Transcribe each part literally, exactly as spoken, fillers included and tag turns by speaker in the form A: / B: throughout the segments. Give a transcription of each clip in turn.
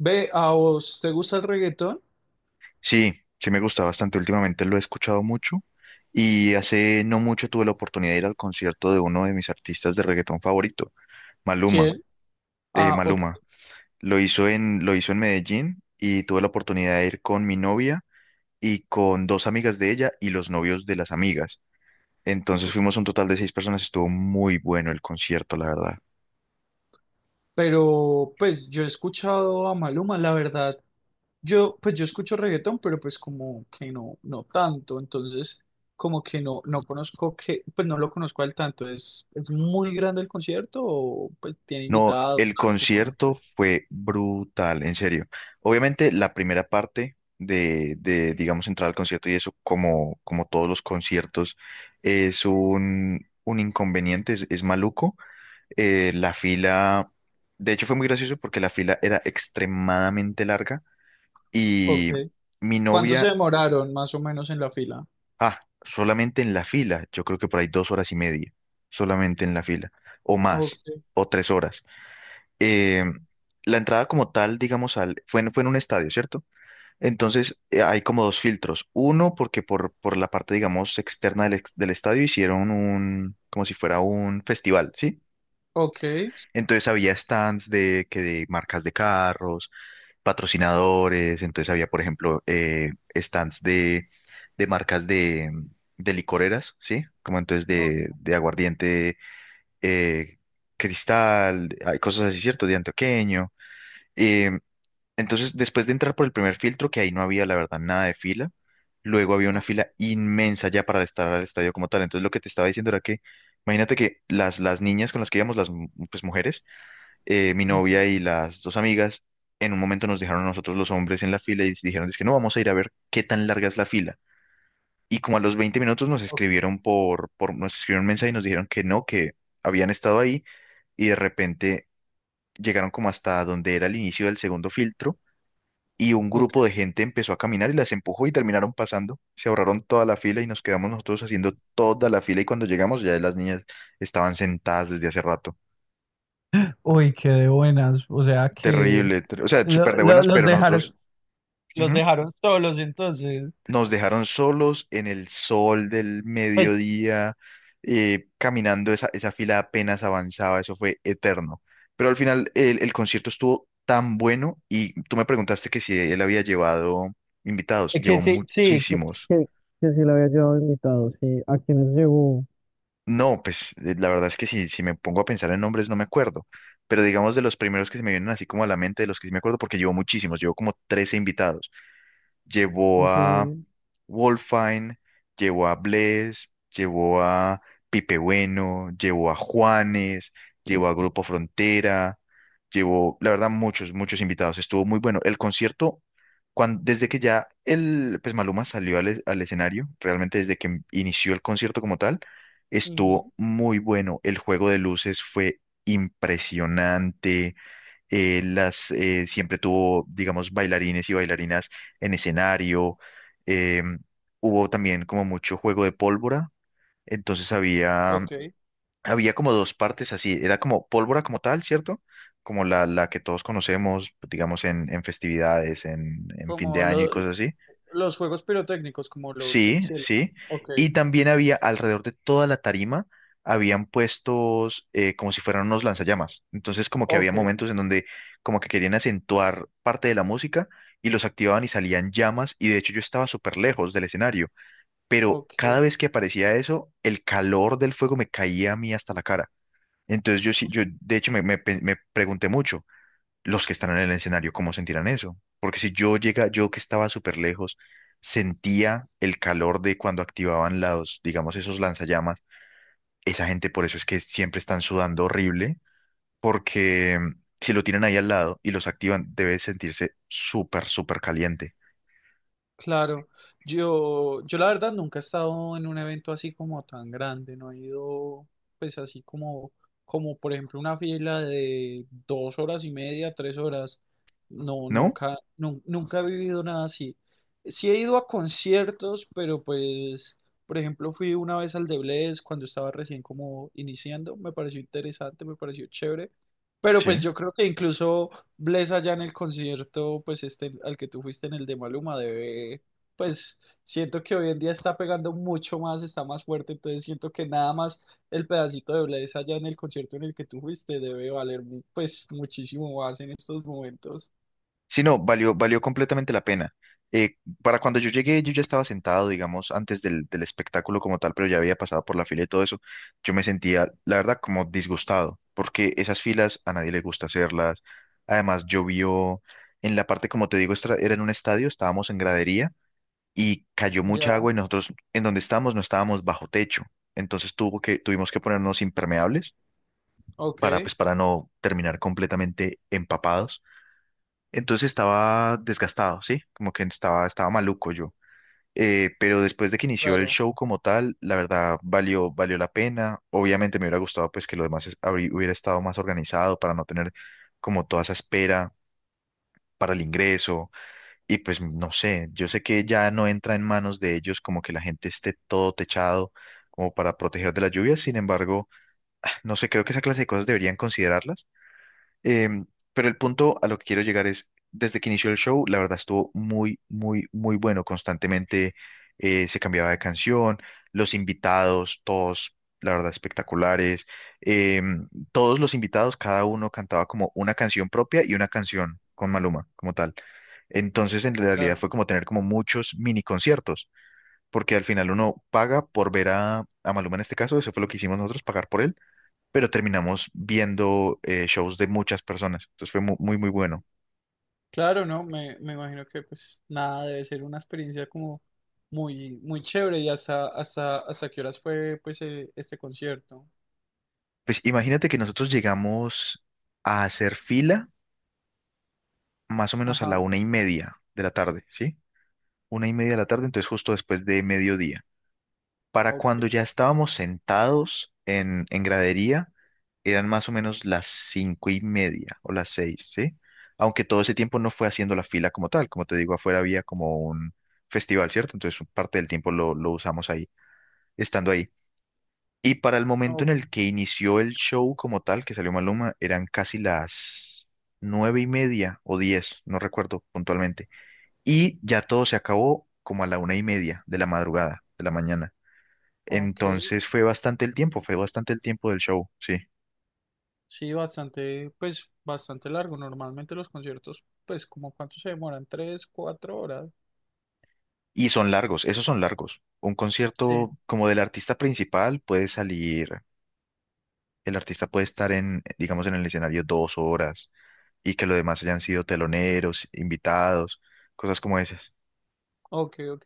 A: Ve, ¿a vos te gusta el reggaetón?
B: Sí, sí me gusta bastante. Últimamente lo he escuchado mucho y hace no mucho tuve la oportunidad de ir al concierto de uno de mis artistas de reggaetón favorito, Maluma.
A: ¿Quién?
B: eh,
A: Ah, ok,
B: Maluma. Lo hizo en, lo hizo en Medellín y tuve la oportunidad de ir con mi novia y con dos amigas de ella y los novios de las amigas. Entonces
A: ok.
B: fuimos un total de seis personas. Estuvo muy bueno el concierto, la verdad.
A: Pero pues yo he escuchado a Maluma, la verdad. Yo, pues yo escucho reggaetón, pero pues como que no, no tanto. Entonces, como que no, no conozco que, pues no lo conozco al tanto. ¿Es, es muy grande el concierto o pues tiene
B: No,
A: invitados,
B: el
A: algo, no sé?
B: concierto fue brutal, en serio. Obviamente la primera parte de, de, digamos, entrar al concierto y eso, como, como todos los conciertos, es un, un inconveniente, es, es maluco. Eh, la fila, de hecho fue muy gracioso porque la fila era extremadamente larga
A: Ok.
B: y mi
A: ¿Cuánto se
B: novia,
A: demoraron más o menos en la fila?
B: ah, solamente en la fila, yo creo que por ahí dos horas y media, solamente en la fila, o
A: Ok,
B: más, o tres horas. eh, la entrada como tal, digamos, al, fue, en, fue en un estadio, ¿cierto? Entonces, eh, hay como dos filtros. Uno, porque por, por la parte, digamos, externa del, ex- del estadio hicieron un, como si fuera un festival, ¿sí?
A: ok,
B: Entonces había stands de, que de marcas de carros, patrocinadores, entonces había, por ejemplo, eh, stands de, de marcas de, de licoreras, ¿sí? Como entonces de,
A: ok,
B: de aguardiente, eh, cristal, hay cosas así, ¿cierto? De antioqueño. eh, entonces, después de entrar por el primer filtro, que ahí no había, la verdad, nada de fila, luego había una
A: ok,
B: fila inmensa ya para estar al estadio como tal. Entonces, lo que te estaba diciendo era que, imagínate que las, las niñas con las que íbamos, las mu- pues, mujeres, eh, mi
A: ujú,
B: novia y las dos amigas, en un momento nos dejaron a nosotros los hombres en la fila y dijeron, es que no, vamos a ir a ver qué tan larga es la fila. Y como a los veinte minutos nos
A: ok,
B: escribieron por, por, nos escribieron un mensaje y nos dijeron que no, que habían estado ahí y de repente llegaron como hasta donde era el inicio del segundo filtro y un
A: ok.
B: grupo de gente empezó a caminar y las empujó y terminaron pasando. Se ahorraron toda la fila y nos quedamos nosotros haciendo toda la fila y cuando llegamos ya las niñas estaban sentadas desde hace rato.
A: Uy, qué de buenas. O sea que
B: Terrible, ter- o sea, súper
A: Lo-
B: de
A: lo-
B: buenas,
A: los
B: pero
A: dejaron,
B: nosotros,
A: los
B: ujú,
A: dejaron solos, entonces.
B: nos dejaron solos en el sol del
A: Ay,
B: mediodía, eh, caminando, esa, esa fila apenas avanzaba, eso fue eterno. Pero al final el, el concierto estuvo tan bueno y tú me preguntaste que si él había llevado invitados,
A: que
B: llevó
A: claro, sí, sí.
B: muchísimos.
A: que- Que, sí le había llevado invitado, sí. ¿A quiénes llegó?
B: No, pues eh, la verdad es que si, si me pongo a pensar en nombres no me acuerdo, pero digamos de los primeros que se me vienen así como a la mente, de los que sí me acuerdo, porque llevo muchísimos, llevo como trece invitados. Llevó
A: Ok.
B: a Wolfine, llevó a Bless, llevó a Pipe Bueno, llevó a Juanes, llevó a Grupo Frontera, llevó, la verdad, muchos, muchos invitados. Estuvo muy bueno. El concierto, cuan- desde que ya el, pues Maluma salió al, e- al escenario, realmente desde que em-, inició el concierto como tal,
A: Ujú,
B: estuvo muy bueno. El juego de luces fue impresionante. Eh, las, eh, siempre tuvo, digamos, bailarines y bailarinas en escenario. eh, Hubo también como mucho juego de pólvora. Entonces había,
A: ok,
B: había como dos partes así. Era como pólvora como tal, ¿cierto? Como la, la que todos conocemos, digamos, en, en festividades, en, en fin de
A: como
B: año y
A: lo-
B: cosas así.
A: los juegos pirotécnicos, como los del
B: Sí,
A: cielo, ¿no?
B: sí.
A: Ok,
B: Y también había alrededor de toda la tarima, habían puestos, eh, como si fueran unos lanzallamas. Entonces como que había
A: ok,
B: momentos en donde como que querían acentuar parte de la música y los activaban y salían llamas. Y de hecho yo estaba súper lejos del escenario. Pero
A: ok.
B: cada vez que aparecía eso, el calor del fuego me caía a mí hasta la cara. Entonces yo sí, yo de hecho me, me pe- me pregunté mucho, los que están en el escenario, cómo sentirán eso. Porque si yo llega, yo que estaba súper lejos, sentía el calor de cuando activaban los, digamos, esos lanzallamas, esa gente por eso es que siempre están sudando horrible, porque mm, si lo tienen ahí al lado y los activan, debe sentirse súper, súper caliente,
A: Claro, yo, yo la verdad nunca he estado en un evento así como tan grande, no he ido pues así como, como por ejemplo una fila de dos horas y media, tres horas, no,
B: ¿no?
A: nunca, nun- nunca he vivido nada así. Sí he ido a conciertos, pero pues, por ejemplo, fui una vez al de Bless cuando estaba recién como iniciando, me pareció interesante, me pareció chévere, pero
B: Sí.
A: pues yo creo que incluso Bless allá en el concierto, pues este al que tú fuiste en el de Maluma, debe, pues siento que hoy en día está pegando mucho más, está más fuerte, entonces siento que nada más el pedacito de Bless allá en el concierto en el que tú fuiste debe valer mu- pues muchísimo más en estos momentos.
B: Sí, no, valió, valió completamente la pena. Eh, para cuando yo llegué, yo ya estaba sentado, digamos, antes del, del espectáculo como tal, pero ya había pasado por la fila y todo eso. Yo me sentía, la verdad, como disgustado, porque esas filas a nadie le gusta hacerlas. Además, llovió en la parte, como te digo, estra- era en un estadio, estábamos en gradería y cayó mucha
A: Ya,
B: agua y nosotros en donde estábamos no estábamos bajo techo. Entonces tuvo que, tuvimos que ponernos impermeables
A: ok,
B: para, pues, para no terminar completamente empapados, entonces estaba desgastado, ¿sí? Como que estaba, estaba maluco yo. Eh, pero después de que inició el
A: claro,
B: show como tal, la verdad valió, valió la pena. Obviamente me hubiera gustado pues que lo demás es- habrí- hubiera estado más organizado para no tener como toda esa espera para el ingreso. Y pues no sé, yo sé que ya no entra en manos de ellos como que la gente esté todo techado como para proteger de la lluvia. Sin embargo, no sé, creo que esa clase de cosas deberían considerarlas. Em, pero el punto a lo que quiero llegar es, desde que inició el show, la verdad estuvo muy, muy, muy bueno. Constantemente eh, se cambiaba de canción, los invitados, todos, la verdad, espectaculares. Em, todos los invitados, cada uno cantaba como una canción propia y una canción con Maluma, como tal. Entonces, en realidad
A: claro.
B: fue como tener como muchos mini conciertos, porque al final uno paga por ver a, a Maluma en este caso, eso fue lo que hicimos nosotros, pagar por él, pero terminamos viendo, eh, shows de muchas personas. Entonces fue mu- muy, muy, bueno.
A: Claro, no, me, me imagino que pues nada, debe ser una experiencia como muy, muy chévere y hasta, hasta, hasta qué horas fue pues eh, este concierto.
B: Pues imagínate que nosotros llegamos a hacer fila más o menos a la
A: Ajá,
B: una y media de la tarde, ¿sí? Una y media de la tarde, entonces justo después de mediodía. Para
A: ok,
B: cuando ya estábamos sentados en, en gradería, eran más o menos las cinco y media o las seis, ¿sí? Aunque todo ese tiempo no fue haciendo la fila como tal, como te digo, afuera había como un festival, ¿cierto? Entonces parte del tiempo lo, lo usamos ahí, estando ahí. Y para el momento
A: o
B: en el que inició el show como tal, que salió Maluma, eran casi las nueve y media o diez, no recuerdo puntualmente. Y ya todo se acabó como a la una y media de la madrugada, de la mañana.
A: ok.
B: Entonces fue bastante el tiempo, fue bastante el tiempo del show, sí.
A: Sí, bastante, pues bastante largo. Normalmente los conciertos, pues como cuánto se demoran, tres, cuatro horas.
B: Y son largos, esos son largos. Un
A: Sí,
B: concierto como del artista principal puede salir, el artista puede estar en, digamos, en el escenario dos horas y que los demás hayan sido teloneros, invitados, cosas como esas.
A: ok, ok.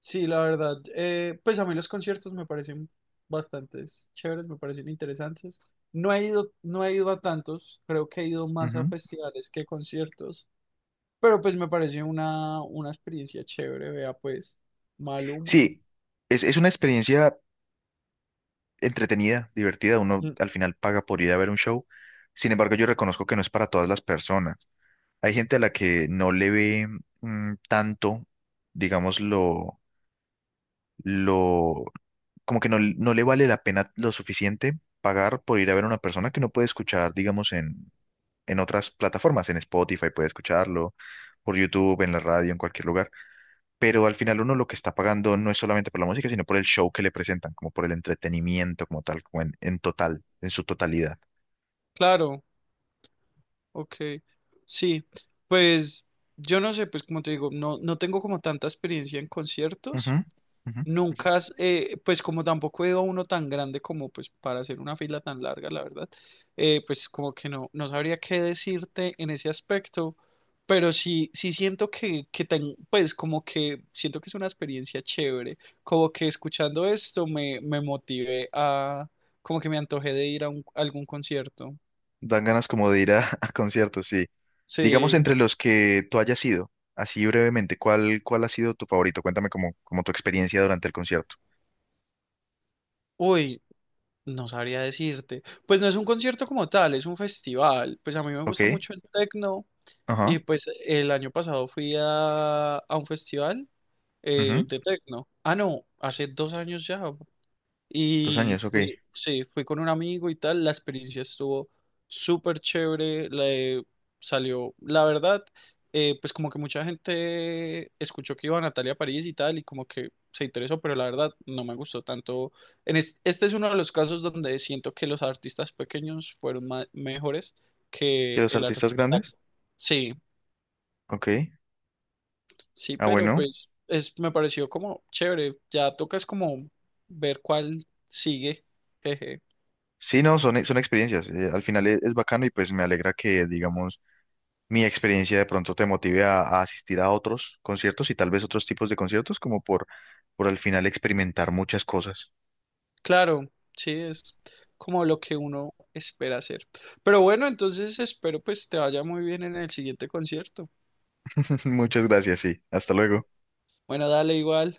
A: Sí, la verdad, eh, pues a mí los conciertos me parecen bastante chéveres, me parecen interesantes. No he ido, no he ido a tantos, creo que he ido más a festivales que conciertos, pero pues me parece una, una experiencia chévere, vea pues, Maluma.
B: Sí, es, es una experiencia entretenida, divertida. Uno
A: Mm,
B: al final paga por ir a ver un show. Sin embargo, yo reconozco que no es para todas las personas. Hay gente a la que no le ve, mm, tanto, digamos, lo, lo, como que no, l- no le vale la pena lo suficiente pagar por ir a ver a una persona que no puede escuchar, digamos, en, en otras plataformas, en Spotify puede escucharlo, por YouTube, en la radio, en cualquier lugar. Pero al final uno lo que está pagando no es solamente por la música, sino por el show que le presentan, como por el entretenimiento como tal, como en, en total, en su totalidad.
A: claro, ok, sí, pues yo no sé, pues como te digo, no, no tengo como tanta experiencia en
B: Ujú,
A: conciertos,
B: ujú.
A: nunca, has- eh, pues como tampoco he ido a uno tan grande como pues para hacer una fila tan larga, la verdad, eh, pues como que no, no sabría qué decirte en ese aspecto, pero sí, sí siento que, que ten- pues como que siento que es una experiencia chévere, como que escuchando esto me, me motivé a, como que me antojé de ir a un- algún concierto,
B: Dan ganas como de ir a, a conciertos, sí. Digamos
A: sí.
B: entre los que tú hayas ido, así brevemente, ¿cuál, cuál ha sido tu favorito? Cuéntame como, como tu experiencia durante el concierto.
A: Uy, no sabría decirte. Pues no es un concierto como tal, es un festival. Pues a mí me
B: Ok,
A: gusta mucho el tecno
B: ajá,
A: y pues el año pasado fui a, a un festival eh,
B: ujú.
A: de tecno. Ah, no, hace dos años ya,
B: Tus
A: y
B: años, ok.
A: fui, sí, fui con un amigo y tal, la experiencia estuvo súper chévere, le salió, la verdad, eh, pues como que mucha gente escuchó que iba a Natalia París y tal, y como que se interesó, pero la verdad no me gustó tanto. En es- este es uno de los casos donde siento que los artistas pequeños fueron ma- mejores
B: ¿Y
A: que
B: los
A: el
B: artistas
A: artista.
B: grandes?
A: Sí,
B: Ok,
A: sí,
B: ah,
A: pero
B: bueno.
A: pues es, me pareció como chévere, ya toca es como ver cuál sigue. Jeje.
B: Sí, no, son, son experiencias. Eh, al final es, es bacano y pues me alegra que, digamos, mi experiencia de pronto te motive a, a asistir a otros conciertos y tal vez otros tipos de conciertos, como por, por al final experimentar muchas cosas.
A: Claro, sí, es como lo que uno espera hacer. Pero bueno, entonces espero pues te vaya muy bien en el siguiente concierto.
B: Muchas gracias, sí. Hasta luego.
A: Bueno, dale igual.